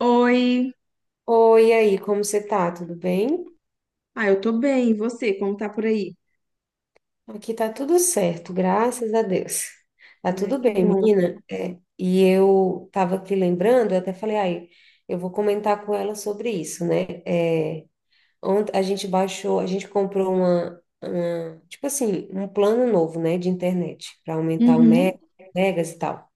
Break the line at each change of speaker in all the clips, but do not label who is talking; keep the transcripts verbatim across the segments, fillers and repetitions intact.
Oi.
Oi, e aí, como você tá? Tudo bem?
Ah, eu tô bem. E você, como tá por aí?
Aqui tá tudo certo, graças a Deus. Tá
É,
tudo
que
bem,
bom.
menina. É, e eu tava aqui lembrando, eu até falei, ai, eu vou comentar com ela sobre isso, né? É, ontem a gente baixou, a gente comprou uma, uma- tipo assim, um plano novo, né, de internet, para aumentar o
Uhum.
mega, megas e tal.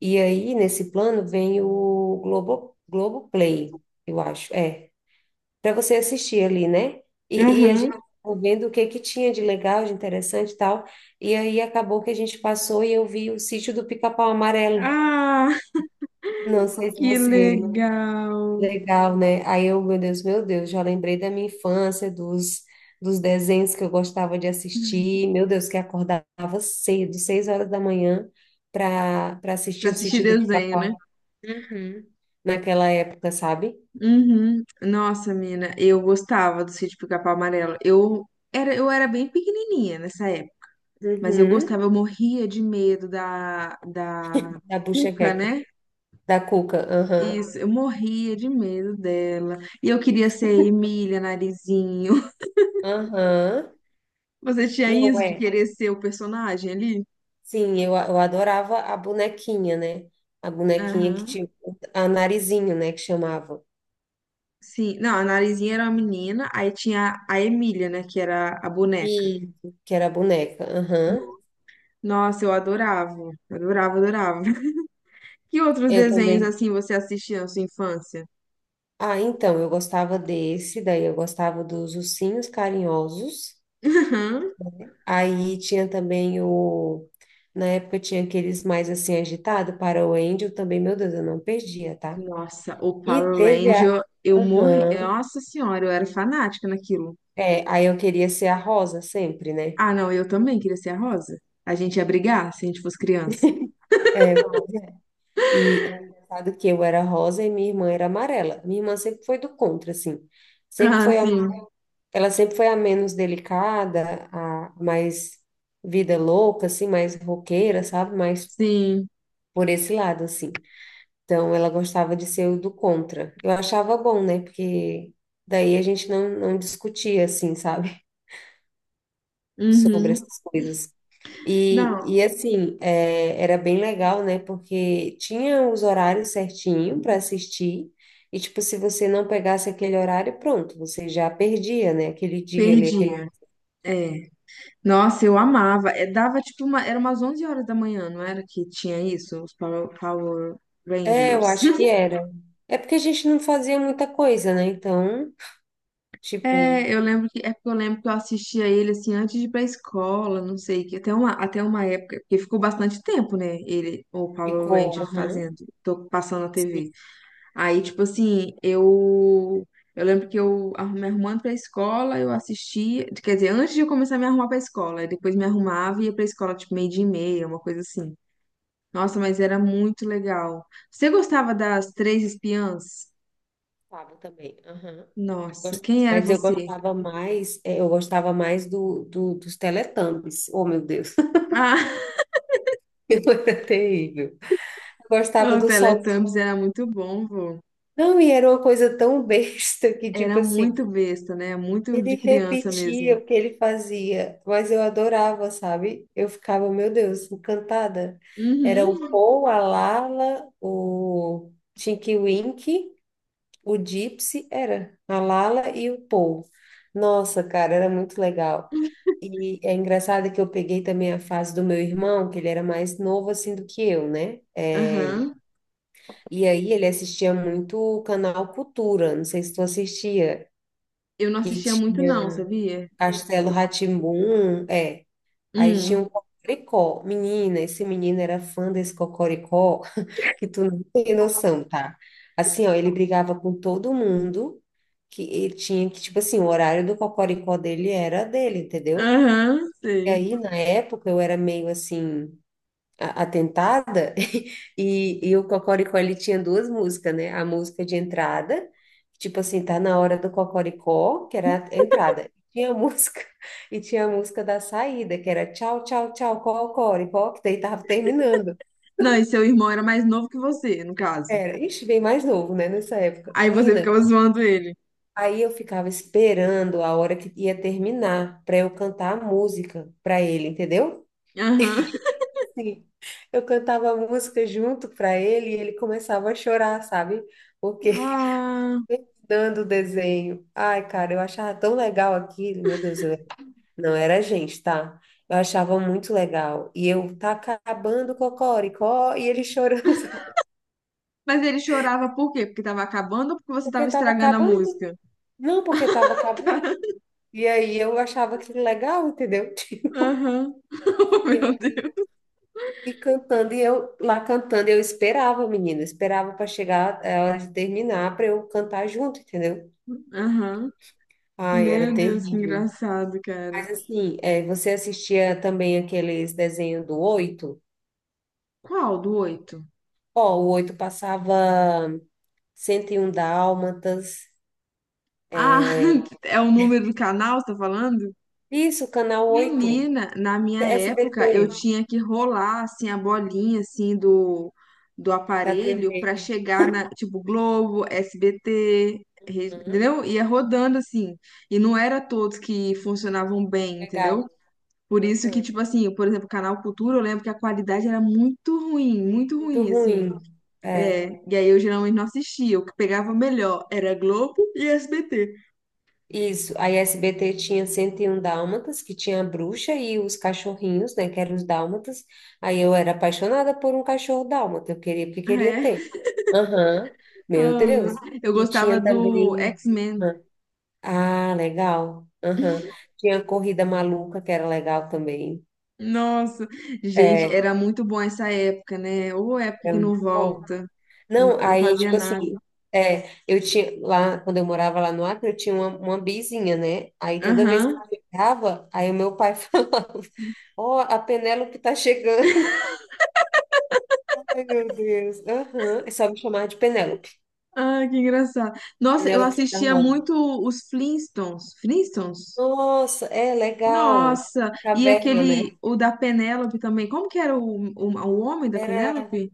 E aí, nesse plano, vem o Globo, Globoplay, eu acho. É. Para você assistir ali, né? E, e a
Aham.
gente ficou vendo o que que tinha de legal, de interessante e tal. E aí acabou que a gente passou e eu vi o sítio do Pica-Pau Amarelo.
Ah,
Não sei se
que
você.
legal.
Legal, né? Aí eu, meu Deus, meu Deus, já lembrei da minha infância, dos, dos desenhos que eu gostava de assistir. Meu Deus, que acordava cedo, seis horas da manhã, para para assistir
Pra
o
assistir
sítio do
desenho, né?
Pica-Pau. Uhum. Naquela época, sabe?
Uhum. Nossa, mina, eu gostava do Sítio Pica-Pau Amarelo. Eu era, eu era bem pequenininha nessa época, mas eu
Uhum.
gostava, eu morria de medo da, da
Da
Cuca,
Buchequeca,
né?
da Cuca. Aham.
Isso, eu morria de medo dela. E eu queria ser Emília Narizinho.
Aham.
Você tinha
Não
isso de
é.
querer ser o personagem ali?
Sim, eu, eu adorava a bonequinha, né? A bonequinha que
Aham.
tinha a narizinho, né? Que chamava.
Sim. Não, a Narizinha era uma menina, aí tinha a Emília, né, que era a
E
boneca.
que era a boneca. Aham.
Nossa, eu adorava, adorava, adorava. Que outros
Eu
desenhos
também.
assim você assistia na sua infância?
Ah, então, eu gostava desse, daí eu gostava dos ursinhos carinhosos.
Aham.
Aí tinha também o. Na época tinha aqueles mais assim agitados para o Angel também, meu Deus, eu não perdia, tá?
Nossa, o
E
Power
teve a.
Ranger, eu morri.
Aham.
Nossa senhora, eu era fanática naquilo.
É, aí eu queria ser a Rosa sempre, né?
Ah, não, eu também queria ser a Rosa. A gente ia brigar se a gente fosse criança.
É, e é engraçado que eu era rosa e minha irmã era amarela. Minha irmã sempre foi do contra, assim. Sempre
Ah,
foi a,
sim,
ela sempre foi a menos delicada, a mais vida louca, assim, mais roqueira, sabe? Mais
sim.
por esse lado, assim. Então, ela gostava de ser o do contra. Eu achava bom, né? Porque daí a gente não, não discutia, assim, sabe? Sobre
Uhum.
essas coisas. E,
Não,
e assim, é, era bem legal, né? Porque tinha os horários certinho para assistir, e tipo, se você não pegasse aquele horário, pronto, você já perdia, né? Aquele dia ali, aquele.
perdia. É. Nossa, eu amava. É, dava tipo uma, era umas onze horas da manhã, não era que tinha isso? Os Power, Power
É, eu
Rangers.
acho que era. É porque a gente não fazia muita coisa, né? Então, tipo,
É, eu lembro que é porque eu lembro que eu assistia ele assim antes de ir pra escola, não sei, que até uma, até uma época, porque ficou bastante tempo, né? Ele, o Power
ficou.
Ranger
Aham.
fazendo, tô passando na
Sim,
T V. Aí, tipo assim, eu eu lembro que eu arru- me arrumando pra escola, eu assistia, quer dizer, antes de eu começar a me arrumar pra escola, aí depois me arrumava e ia pra escola tipo meio dia e meia, uma coisa assim. Nossa, mas era muito legal. Você gostava das Três Espiãs?
sábado também. Aham.
Nossa,
Gost-
quem era
Mas eu
você?
gostava mais, é, eu gostava mais do, do- dos Teletubbies. Oh, meu Deus,
Ah,
eu era terrível. Eu gostava
o
do sol.
Teletubbies era muito bom, vô.
Não, e era uma coisa tão besta que, tipo
Era
assim,
muito besta, né? Muito
ele
de criança mesmo.
repetia o que ele fazia, mas eu adorava, sabe? Eu ficava, meu Deus, encantada. Era o
Uhum.
Paul, a Lala, o Tinky Winky, o Gypsy, era a Lala e o Paul. Nossa, cara, era muito legal. E é engraçado que eu peguei também a fase do meu irmão, que ele era mais novo assim do que eu, né? É,
Aham.
e aí ele assistia muito o canal Cultura, não sei se tu assistia.
Eu não
Que
assistia muito,
tinha
não, sabia?
Castelo rá é. Aí tinha um
Hum.
Cocoricó. Menina, esse menino era fã desse Cocoricó, que tu não tem noção, tá? Assim, ó, ele brigava com todo mundo, que ele tinha que, tipo assim, o horário do Cocoricó dele era dele, entendeu?
Aham,
E
sei.
aí, na época, eu era meio assim a- atentada, e, e o Cocoricó, ele tinha duas músicas, né? A música de entrada, tipo assim, tá na hora do Cocoricó, que era a entrada. Tinha a música, e tinha a música da saída, que era tchau, tchau, tchau, Cocoricó, que daí tava terminando.
Não, e seu irmão era mais novo que você, no caso.
Era, ixi, bem mais novo, né, nessa época.
Aí você
Menina,
ficava zoando ele.
aí eu ficava esperando a hora que ia terminar, para eu cantar a música para ele, entendeu?
Aham.
Sim, eu cantava música junto para ele e ele começava a chorar, sabe? Porque
Ah.
dando o desenho. Ai, cara, eu achava tão legal aquilo, meu Deus, eu... não era a gente, tá? Eu achava muito legal. E eu tá acabando o cocoricó e ele chorando sabe?
Mas ele chorava por quê? Porque tava acabando ou porque você tava
Porque tava
estragando a
acabando.
música?
Não, porque tava acabando. E aí eu achava aquilo legal, entendeu?
Aham.
E eu,
Meu Deus.
E cantando, e eu lá cantando, eu esperava, menina, esperava para chegar a hora de terminar para eu cantar junto, entendeu?
Aham.
Ai, era
Meu Deus, que
terrível.
engraçado, cara.
Mas assim, é, você assistia também aqueles desenhos do Oito?
Qual do oito?
Ó, o Oito passava cento e um Dálmatas.
Ah, é o número do canal, você tá falando?
Isso, Canal oito,
Menina, na minha época, eu
S B T,
tinha que rolar, assim, a bolinha, assim, do, do
da
aparelho pra
T V.
chegar na, tipo, Globo, S B T, re-
Uhum,
entendeu? Ia rodando, assim. E não era todos que funcionavam bem,
legal.
entendeu? Por isso que,
Uhum,
tipo assim, por exemplo, Canal Cultura, eu lembro que a qualidade era muito ruim, muito
muito
ruim, assim.
ruim. É.
E aí eu geralmente não assistia. O que pegava melhor era Globo e S B T.
Isso, a S B T tinha cento e um dálmatas, que tinha a bruxa e os cachorrinhos, né, que eram os dálmatas. Aí eu era apaixonada por um cachorro dálmata, eu queria, porque
Ah,
queria
é?
ter. Aham, meu
Ah, meu
Deus.
Deus. Eu
E
gostava
tinha
do
também...
X-Men.
Ah, legal. Aham. Tinha a corrida maluca, que era legal também.
Nossa, gente,
É,
era muito bom essa época, né? Ou época
era
que não
muito bom.
volta, não,
Não,
não
aí,
fazia
tipo assim,
nada.
é, eu tinha lá, quando eu morava lá no Acre, eu tinha uma, uma vizinha, né? Aí toda vez que eu
Aham.
chegava, aí o meu pai falava, ó, a Penélope tá chegando. Ai, meu Deus. Aham. É só me chamar de Penélope.
Ah, que engraçado. Nossa, eu
Penélope da
assistia
Moda.
muito os Flintstones. Flintstones?
Nossa, é legal.
Nossa,
A
e
caverna,
aquele,
né?
o da Penélope também. Como que era o, o, o homem da
Era,
Penélope?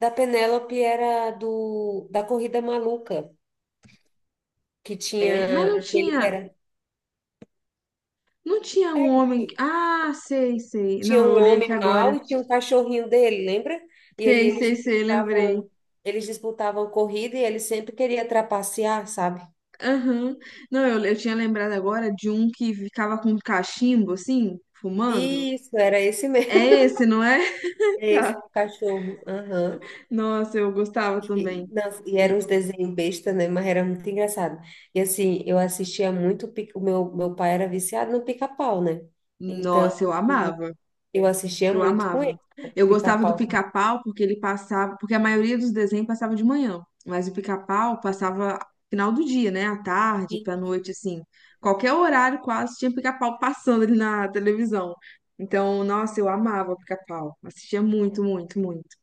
da Penélope era do, da Corrida Maluca, que
É, mas
tinha
não
aquele que
tinha.
era...
Não tinha
É,
um homem. que-
que-
Ah, sei, sei.
Tinha
Não, eu
um
olhei aqui
homem mau
agora.
e tinha um cachorrinho dele, lembra? E aí
Sei,
eles
sei, sei, lembrei.
disputavam, eles disputavam corrida e ele sempre queria trapacear, sabe?
Aham. Não, eu, eu tinha lembrado agora de um que ficava com um cachimbo, assim, fumando.
Isso, era esse mesmo,
É esse, não é?
esse
Tá.
cachorro. Aham.
Nossa, eu gostava
E,
também.
nossa, e era
E-
uns desenhos besta, né? Mas era muito engraçado. E assim, eu assistia muito, pica- o meu, meu pai era viciado no pica-pau, né? Então,
Nossa, eu amava.
eu assistia
Eu
muito com
amava.
ele,
Eu gostava do
pica-pau.
Pica-Pau porque ele passava, porque a maioria dos desenhos passava de manhã, mas o Pica-Pau passava final do dia, né? À tarde, pra noite, assim. Qualquer horário quase tinha Pica-Pau passando ali na televisão. Então, nossa, eu amava o Pica-Pau. Assistia muito, muito, muito.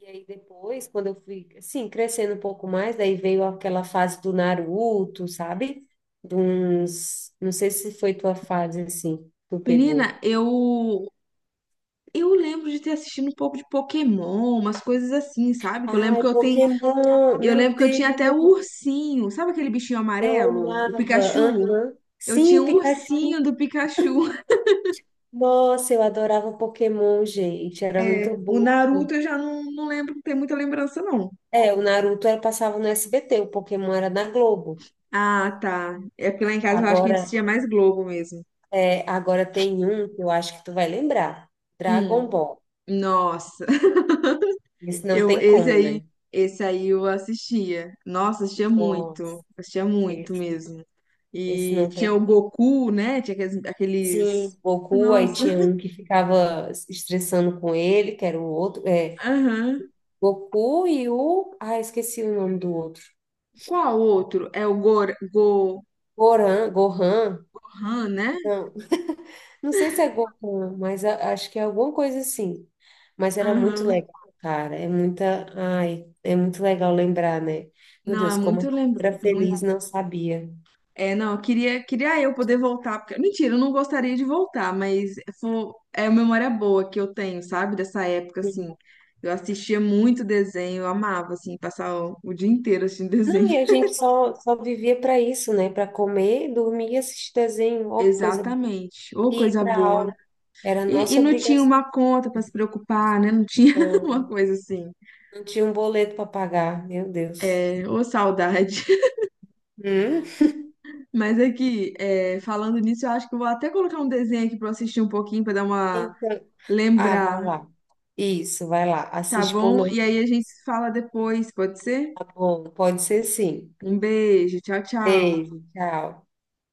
E aí depois, quando eu fui, assim, crescendo um pouco mais, daí veio aquela fase do Naruto, sabe? De uns, não sei se foi tua fase, assim, que tu
Menina,
pegou.
eu eu lembro de ter assistido um pouco de Pokémon, umas coisas assim, sabe? Que eu lembro
Ai,
que eu tenho,
Pokémon,
eu
meu
lembro que eu tinha até o
Deus,
ursinho, sabe aquele bichinho
eu
amarelo, o
amava.
Pikachu?
Aham.
Eu
Sim,
tinha
o
um
Pikachu.
ursinho do Pikachu.
Nossa, eu adorava o Pokémon, gente, era muito
O
bom.
Naruto eu já não, não lembro, não tem muita lembrança, não.
É, o Naruto era, passava no S B T, o Pokémon era na Globo.
Ah, tá. É porque lá em casa eu acho que a gente
Agora,
assistia mais Globo mesmo.
é, agora tem um que eu acho que tu vai lembrar, Dragon
Hum,
Ball.
nossa.
Esse não
Eu,
tem
esse
como,
aí,
né?
esse aí eu assistia. Nossa, assistia
Nossa,
muito. Assistia muito
esse,
mesmo.
esse
E
não
tinha
tem.
o Goku, né? Tinha aqueles... aqueles-
Sim, Goku, aí
Nossa.
tinha um que ficava se estressando com ele, que era o outro. É,
Aham.
Goku e o. Ah, esqueci o nome do outro.
Qual outro? É o Gor... Gohan,
Goran, Gohan.
né?
Não, não sei se é Gohan, mas a- acho que é alguma coisa assim. Mas era muito
Aham.
legal, cara. É muita. Ai, é muito legal lembrar, né? Meu
Não, é
Deus, como
muito
eu
lembro.
era feliz, não sabia.
É, não, eu queria, queria eu poder voltar, porque, mentira, eu não gostaria de voltar, mas fo- é uma memória boa que eu tenho, sabe, dessa época, assim, eu assistia muito desenho, eu amava, assim, passar o, o dia inteiro assistindo
Não,
desenho.
e a gente só, só vivia para isso, né? Para comer, dormir e assistir desenho, ó, que coisa boa.
Exatamente, ô,
E ir
coisa
para
boa.
aula. Era a
E, e
nossa
não tinha
obrigação.
uma conta pra se preocupar, né, não tinha uma coisa assim,
Não tinha um boleto para pagar, meu Deus.
é, ô, saudade.
Hum?
Mas aqui, é, falando nisso, eu acho que eu vou até colocar um desenho aqui pra eu assistir um pouquinho, pra dar uma...
Então, ah, vai
Lembrar.
lá. Isso, vai lá.
Tá
Assiste por
bom?
não.
E aí a gente se fala depois, pode ser?
Tá bom, pode ser sim.
Um beijo, tchau, tchau.
Beijo, tchau.